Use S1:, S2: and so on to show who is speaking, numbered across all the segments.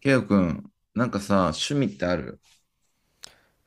S1: ケイオくん、なんかさ、趣味ってある？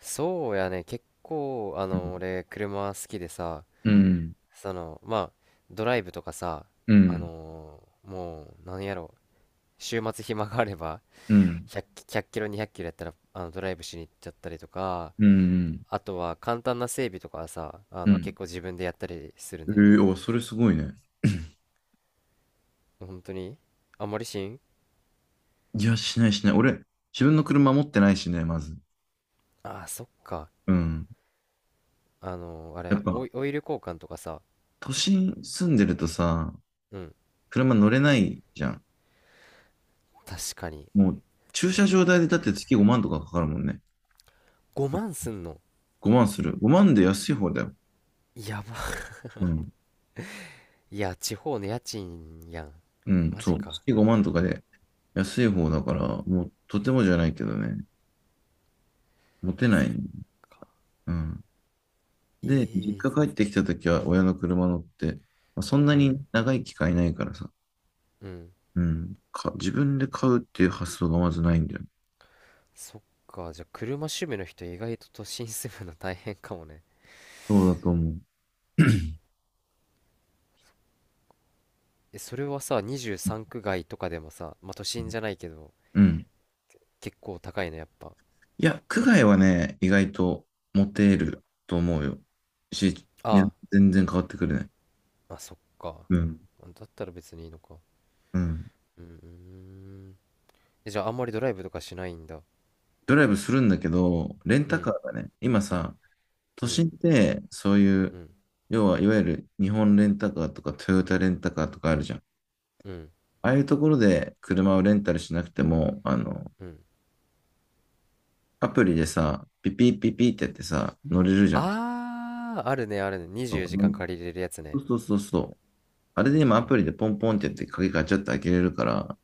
S2: そうやね、結構、
S1: うん。
S2: 俺、車好きでさ、
S1: うん。
S2: まあ、ドライブとかさ、
S1: う
S2: あ
S1: ん。
S2: のもう、何やろ、週末暇があれば、
S1: うん。
S2: 100、ひゃっキロ、200キロやったら、ドライブしに行っちゃったりとか、
S1: う
S2: あとは、簡単な整備とかはさ、
S1: ん。
S2: 結構自分でやったりする
S1: ええ
S2: ね。
S1: ーお、それすごいね。
S2: 本当にあんまりしん。
S1: いや、しないしない。俺、自分の車持ってないしね、まず。
S2: ああー、そっか。
S1: うん。
S2: あのーあ
S1: やっ
S2: れ、オ
S1: ぱ、
S2: イ、オイル交換とかさ、
S1: 都心住んでるとさ、
S2: うん、
S1: 車乗れないじゃん。
S2: 確かに。
S1: もう、駐車場代でだって月5万とかかかるもんね。
S2: 5万すんの。
S1: 5万する。5万で安い方だよ。
S2: やば。
S1: うん。
S2: いや、地方の家賃やん。
S1: うん、
S2: マジ
S1: そう。
S2: か。
S1: 月5万とかで安い方だから、もう、とてもじゃないけどね。持てな
S2: そっ
S1: い。
S2: か。
S1: うん。で、実
S2: え
S1: 家
S2: ー、
S1: 帰ってきたときは親の車乗って、まあ、そんな
S2: うん、
S1: に長い機会ないからさ、
S2: うん。
S1: うん、か、自分で買うっていう発想がまずないんだよね。
S2: そっか。じゃあ、車趣味の人、意外と都心住むの大変かもね。
S1: そうだと思う。
S2: え、それはさ、23区外とかでもさ、まあ、都心じゃないけど、
S1: うん。
S2: 結構高いの、やっぱ。
S1: いや、区外はね、意外とモテると思うよ。し、
S2: あ
S1: ね、
S2: あ、
S1: 全然変わってくれない。
S2: まあ、そっか。
S1: うん。
S2: だったら別にいいのか。
S1: うん。
S2: うーん。え、じゃあ、あんまりドライブとかしないんだ。
S1: ドライブするんだけど、レン
S2: う
S1: タカ
S2: ん、
S1: ーがね、今さ、
S2: う
S1: 都
S2: ん、
S1: 心ってそうい
S2: う
S1: う、
S2: ん、
S1: 要はいわゆる日本レンタカーとかトヨタレンタカーとかあるじゃん。
S2: うん、
S1: ああいうところで車をレンタルしなくても、
S2: うん。
S1: アプリでさ、ピピピピってやってさ、乗れるじゃん。
S2: あー、あるね、あるね。24時間
S1: そ
S2: 借りれるやつ
S1: う
S2: ね。
S1: そうそうそう。あれ
S2: う
S1: で今ア
S2: ん、
S1: プリでポンポンってやって鍵ガチャって開けれるから、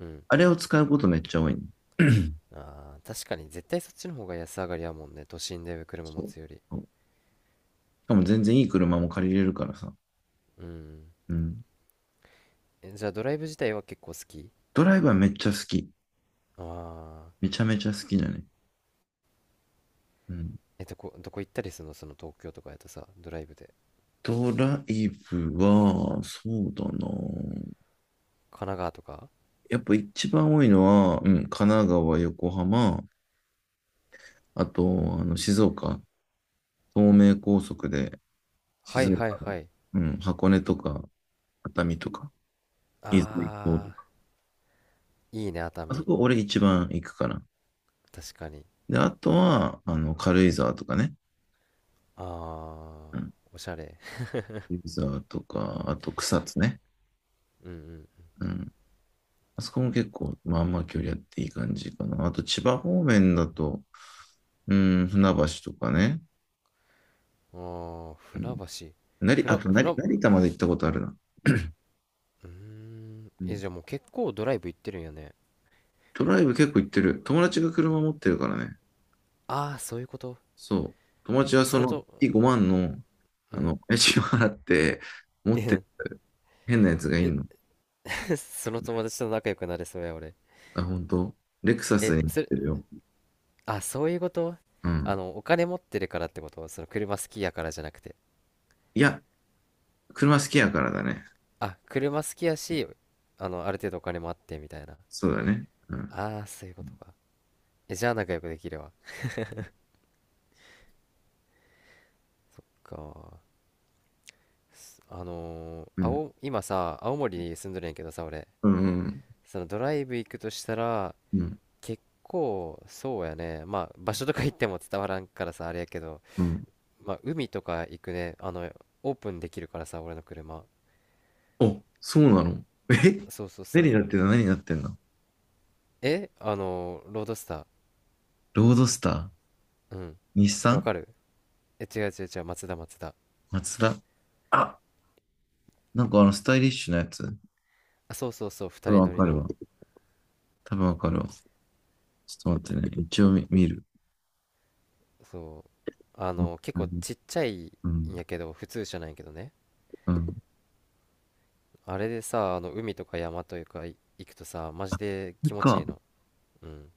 S2: うん、うん。
S1: あれを使うことめっちゃ多いね。
S2: あー、確かに、絶対そっちの方が安上がりやもんね、都心で車
S1: そ
S2: 持
S1: う
S2: つより。
S1: そう、しかも全然いい車も借りれるからさ。
S2: うん。
S1: うん。
S2: え、じゃあ、ドライブ自体は結構好き？
S1: ドライブはめっちゃ好き。
S2: ああ
S1: めちゃめちゃ好きだね。うん。
S2: ー。え、どこ行ったりするの？東京とかやとさ、ドライブで。
S1: ドライブは、そうだな。
S2: 神奈川とか。
S1: やっぱ一番多いのは、うん、神奈川、横浜、あと、静岡、東名高速で、
S2: は
S1: 静
S2: いはい
S1: 岡
S2: は
S1: の、
S2: い。
S1: うん、箱根とか、熱海とか、伊豆行と
S2: あ
S1: か、
S2: ー、いいね、熱
S1: あそ
S2: 海。
S1: こ俺一番行くかな。
S2: 確かに。
S1: で、あとは、軽井沢とかね。
S2: あ
S1: うん。
S2: ー、おしゃれ。
S1: 軽井沢とか、あと草津ね。
S2: うん。
S1: うん。あそこも結構、まあまあ距離あっていい感じかな。あと千葉方面だと、うん、船橋とかね。
S2: うん。ああ、
S1: う
S2: 船
S1: ん。
S2: 橋。
S1: なり、あ
S2: 船
S1: と
S2: 船
S1: 成、
S2: う
S1: 成田まで行ったことあるな。
S2: ーん、
S1: う
S2: え、
S1: ん、
S2: じゃあ、もう結構ドライブ行ってるんやね？
S1: トライブ結構行ってる。友達が車持ってるからね。
S2: ああー、そういうこと。
S1: そう。友達はそ
S2: その
S1: の
S2: と、
S1: 5万の、
S2: うん、
S1: 家賃を払って、持ってる
S2: え、
S1: 変なやつがいんの。
S2: その友達と仲良くなれそうや、俺。
S1: あ、本当？レクサス
S2: え、
S1: に乗っ
S2: それ、
S1: てるよ。
S2: あ、そういうこと。
S1: うん。
S2: お金持ってるからってことその車好きやからじゃなくて。
S1: いや、車好きやからだね。
S2: あ、車好きやし、ある程度お金もあってみたいな。
S1: そうだね。うん。
S2: ああ、そういうことか。え、じゃあ仲良くできるわ。か。すあのー、
S1: うん。
S2: 青、今さ、青森に住んどるんやけどさ、俺。
S1: うん。
S2: そのドライブ行くとしたら、
S1: うん。うん。
S2: 結構、そうやね。まあ、場所とか行っても伝わらんからさ、あれやけど、
S1: うん。
S2: まあ、海とか行くね。オープンできるからさ、俺の車。
S1: お、そうなの？え、
S2: そうそうそ
S1: 何に
S2: う。
S1: なってんの？何になってんの？
S2: え、ロードスター。
S1: ロードスター？
S2: うん。
S1: 日
S2: わ
S1: 産？
S2: かる。え、違う違う違う、松田松田。
S1: マツダ。あ、なんかあのスタイリッシュなやつ。
S2: あ、そうそうそう、
S1: 多
S2: 二
S1: 分
S2: 人
S1: わ
S2: 乗り
S1: かる
S2: の。
S1: わ。多分わかるわ。ちょっと待ってね。一応見、見る。
S2: そう。
S1: うん。
S2: 結
S1: う
S2: 構
S1: ん。
S2: ちっちゃい
S1: う
S2: ん
S1: ん。
S2: やけど、普通車なんやけどね。
S1: うん。こ
S2: あれでさ、海とか山というか、行くとさ、マジで
S1: れ
S2: 気持ちい
S1: か。
S2: いの。うん。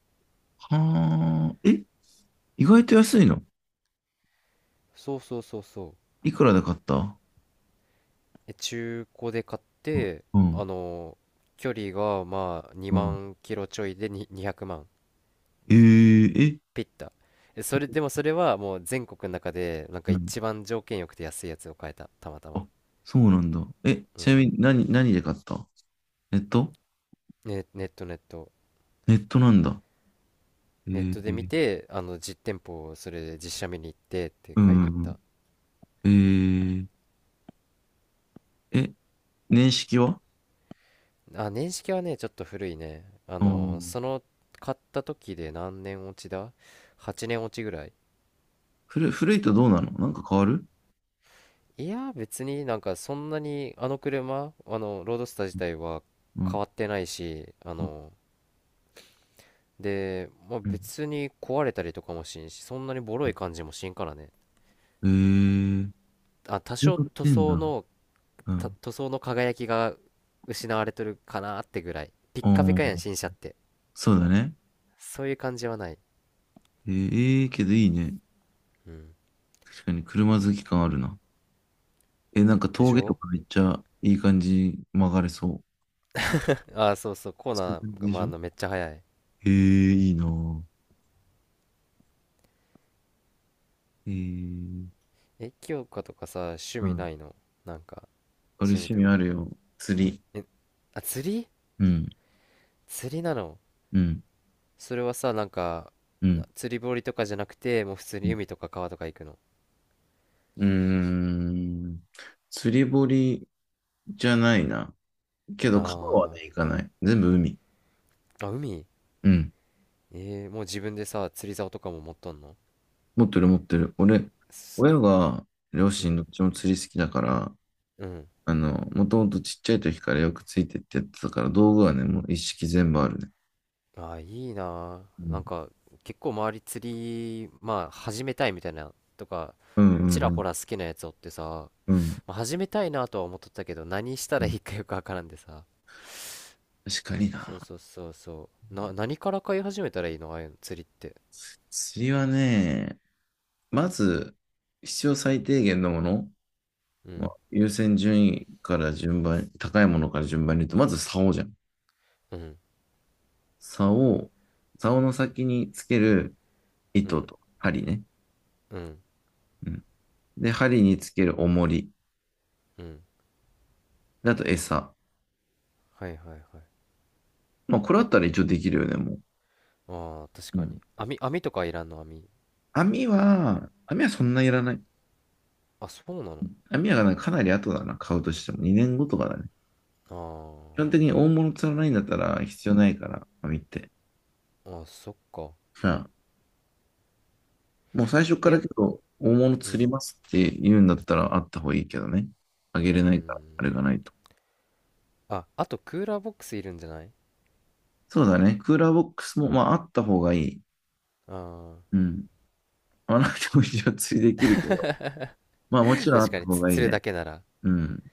S1: はあ、え、意外と安いの？
S2: そうそうそうそう。
S1: いくらで買った？
S2: え、中古で買っ
S1: う、
S2: て、
S1: うん、
S2: あの、距離がまあ
S1: う
S2: 2
S1: ん。
S2: 万キロちょいでに200万。
S1: えー、え、
S2: ピッタえ、それでもそれはもう全国の中でなんか
S1: うん。
S2: 一番条件よくて安いやつを買えた、たまたま。
S1: あ、そうなんだ。え、
S2: う
S1: ちな
S2: ん、
S1: みに何、何で買った？ネット？
S2: ね、ネットネット。
S1: ネットなんだ。え
S2: ネットで見
S1: ー、
S2: て実店舗をそれで実写見に行ってって
S1: う
S2: 買いに行っ
S1: ん、
S2: た。
S1: うん。えー、え、年式は？
S2: あ、年式はね、ちょっと古いね、
S1: あん。
S2: 買った時で何年落ちだ？ 8 年落ちぐらい。
S1: 古い、古いとどうなの？なんか変わる？
S2: いや、別になんかそんなに車ロードスター自体は
S1: う
S2: 変
S1: ん、
S2: わってないし
S1: うん、
S2: で、まあ、
S1: うん。
S2: 別に壊れたりとかもしんし、そんなにボロい感じもしんからね。
S1: うん。えー、そ
S2: あ、多
S1: ういう
S2: 少
S1: こと
S2: 塗
S1: 言ってん
S2: 装
S1: だ。
S2: の、
S1: う
S2: た
S1: ん。
S2: 塗装の輝きが失われてるかなってぐらい。ピッ
S1: あ
S2: カピ
S1: あ、
S2: カやん、新車って。
S1: そうだね。
S2: そういう感じはない。
S1: えー、えーけどいいね。
S2: うん。
S1: 確かに車好き感あるな。え、なんか
S2: でし
S1: 峠と
S2: ょ。
S1: かめっちゃいい感じに曲がれそう。
S2: あ、そうそう、コー
S1: そういう
S2: ナ
S1: 感
S2: ー
S1: じ
S2: が、
S1: でし
S2: まあ、
S1: ょ？
S2: めっちゃ早い。
S1: えー、いいなぁ。えー、
S2: え、清香とかさ、趣
S1: う
S2: 味
S1: ん。
S2: ないの？なんか、
S1: 俺
S2: 趣味
S1: 趣
S2: と
S1: 味あ
S2: か。
S1: るよ。釣り。
S2: え、あ、釣り？
S1: うん、
S2: 釣りなの？
S1: うん、
S2: それはさ、なんか、
S1: うん。
S2: 釣り堀とかじゃなくて、もう普通
S1: う
S2: に
S1: ん。
S2: 海とか川とか行くの。
S1: うーん。釣り堀じゃないな。けど川は
S2: あ
S1: ね、行かない。全部海。
S2: ー、あ、海？
S1: うん。
S2: えー、もう自分でさ、釣り竿とかも持っとんの？
S1: 持ってる持ってる。俺、
S2: す
S1: 親が、両
S2: う
S1: 親ど
S2: ん、
S1: っちも釣り好きだから、
S2: うん。
S1: もともとちっちゃい時からよくついてってやってたから、道具はね、もう一式全部あるね。
S2: ああ、いいな
S1: う
S2: あ。な
S1: ん。
S2: んか、結構周り釣り、まあ、始めたいみたいな、とか、
S1: うん
S2: ちら
S1: う
S2: ほ
S1: ん
S2: ら好きなやつおってさ、
S1: うん。
S2: まあ、始めたいなとは思っとったけど、何した
S1: う
S2: ら
S1: ん、
S2: いいかよくわからんでさ。
S1: 確かに
S2: そ
S1: な。
S2: うそうそうそう。何から買い始めたらいいの？ああいうの、釣りって。
S1: 釣りはね、まず、必要最低限のもの、
S2: う
S1: まあ、
S2: ん、
S1: 優先順位から順番、高いものから順番に言うと、まず竿じゃん。
S2: うん、
S1: 竿、竿の先につける
S2: う
S1: 糸
S2: ん、
S1: と針ね。
S2: うん、
S1: うん。で、針につける重り。
S2: うん。
S1: であと餌。
S2: はいはいはい。
S1: まあ、これあったら一応できるよね、も
S2: ああ、確
S1: う。う
S2: か
S1: ん。
S2: に。網とかいらんの？網。
S1: 網は、網はそんないらない。
S2: あ、そうなの？
S1: 網はかなり後だな、買うとしても。2年後とかだね。
S2: あ
S1: 基本的に大物釣らないんだったら必要ないから、網って。
S2: あー、あ、そっか。
S1: さあ、もう最初か
S2: え
S1: ら
S2: や
S1: けど、大物
S2: う
S1: 釣り
S2: ん。
S1: ますって言うんだったらあった方がいいけどね。あげれ
S2: うー
S1: ないから、あれ
S2: ん。
S1: がないと。
S2: ああ、と、クーラーボックスいるんじゃない？
S1: そうだね。クーラーボックスも、まあ、あった方がいい。
S2: ああ
S1: うん。まあ、なくても一応釣りできるけど。まあ、も
S2: ー、
S1: ちろんあ
S2: 確
S1: っ
S2: か
S1: た
S2: に、
S1: 方がいい
S2: 釣る
S1: ね。
S2: だけなら。
S1: うん。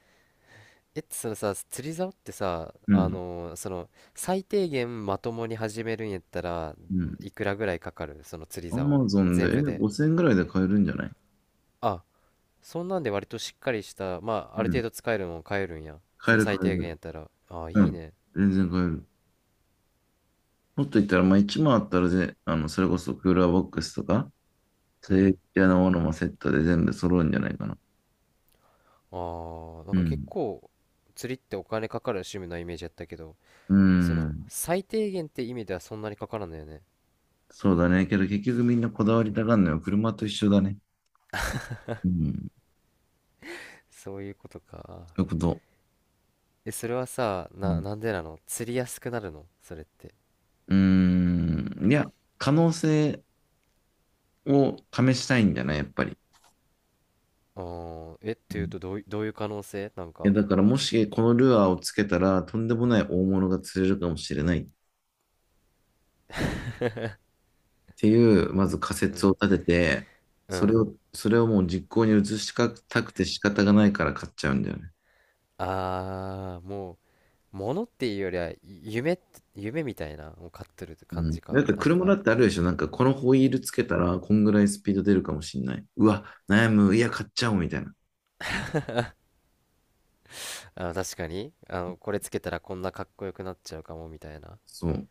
S2: え、そのさ、釣り竿ってさ、
S1: うん。
S2: その最低限まともに始めるんやったら、
S1: うん。
S2: いくらぐらいかかる？その釣り
S1: ア
S2: 竿
S1: マゾン
S2: 全
S1: で、え、
S2: 部で。
S1: 5000円ぐらいで買えるんじゃない？
S2: あ、そんなんで割としっかりした、まあ、ある
S1: うん。
S2: 程度使えるのを買えるんや？
S1: 買
S2: そ
S1: え
S2: の
S1: る買
S2: 最
S1: え
S2: 低限や
S1: る。
S2: ったら、あ、
S1: う
S2: いい
S1: ん。
S2: ね。
S1: 全然買える。もっと言ったら、まあ、1万あったらぜ、それこそクーラーボックスとか、そ
S2: う
S1: ういう
S2: ん。
S1: 系のものもセットで全部揃うんじゃないかな。
S2: ああ、な
S1: う
S2: んか結
S1: ん。
S2: 構釣りってお金かかる趣味のイメージやったけど、
S1: う
S2: その
S1: ん。
S2: 最低限って意味ではそんなにかからんのよね。
S1: そうだね。けど結局みんなこだわりたがるのよ。車と一緒だね。うん。
S2: そういうことか。
S1: そういうこと。
S2: え、それはさ、
S1: うん。
S2: なんでなの？釣りやすくなるのそれって。
S1: うーん。いや、可能性を試したいんだな、やっぱり。
S2: あー、え、っ
S1: う
S2: ていう
S1: ん。
S2: と、どういう可能性なん
S1: いや、
S2: か。
S1: だからもしこのルアーをつけたら、とんでもない大物が釣れるかもしれないっていう、まず仮
S2: う
S1: 説を
S2: ん、
S1: 立てて、
S2: うん、
S1: それをもう実行に移したくて仕方がないから買っちゃうんだよね。
S2: あー、もう物っていうよりは、夢って、夢みたいなを買ってるって感
S1: うん。
S2: じ
S1: だっ
S2: か
S1: て
S2: なん
S1: 車だ
S2: か。
S1: ってあるでしょ。なんかこのホイールつけたら、こんぐらいスピード出るかもしれない。うわ、悩む。いや、買っちゃおうみたいな。
S2: あー、確かに、これつけたらこんなかっこよくなっちゃうかもみたいな。
S1: そう。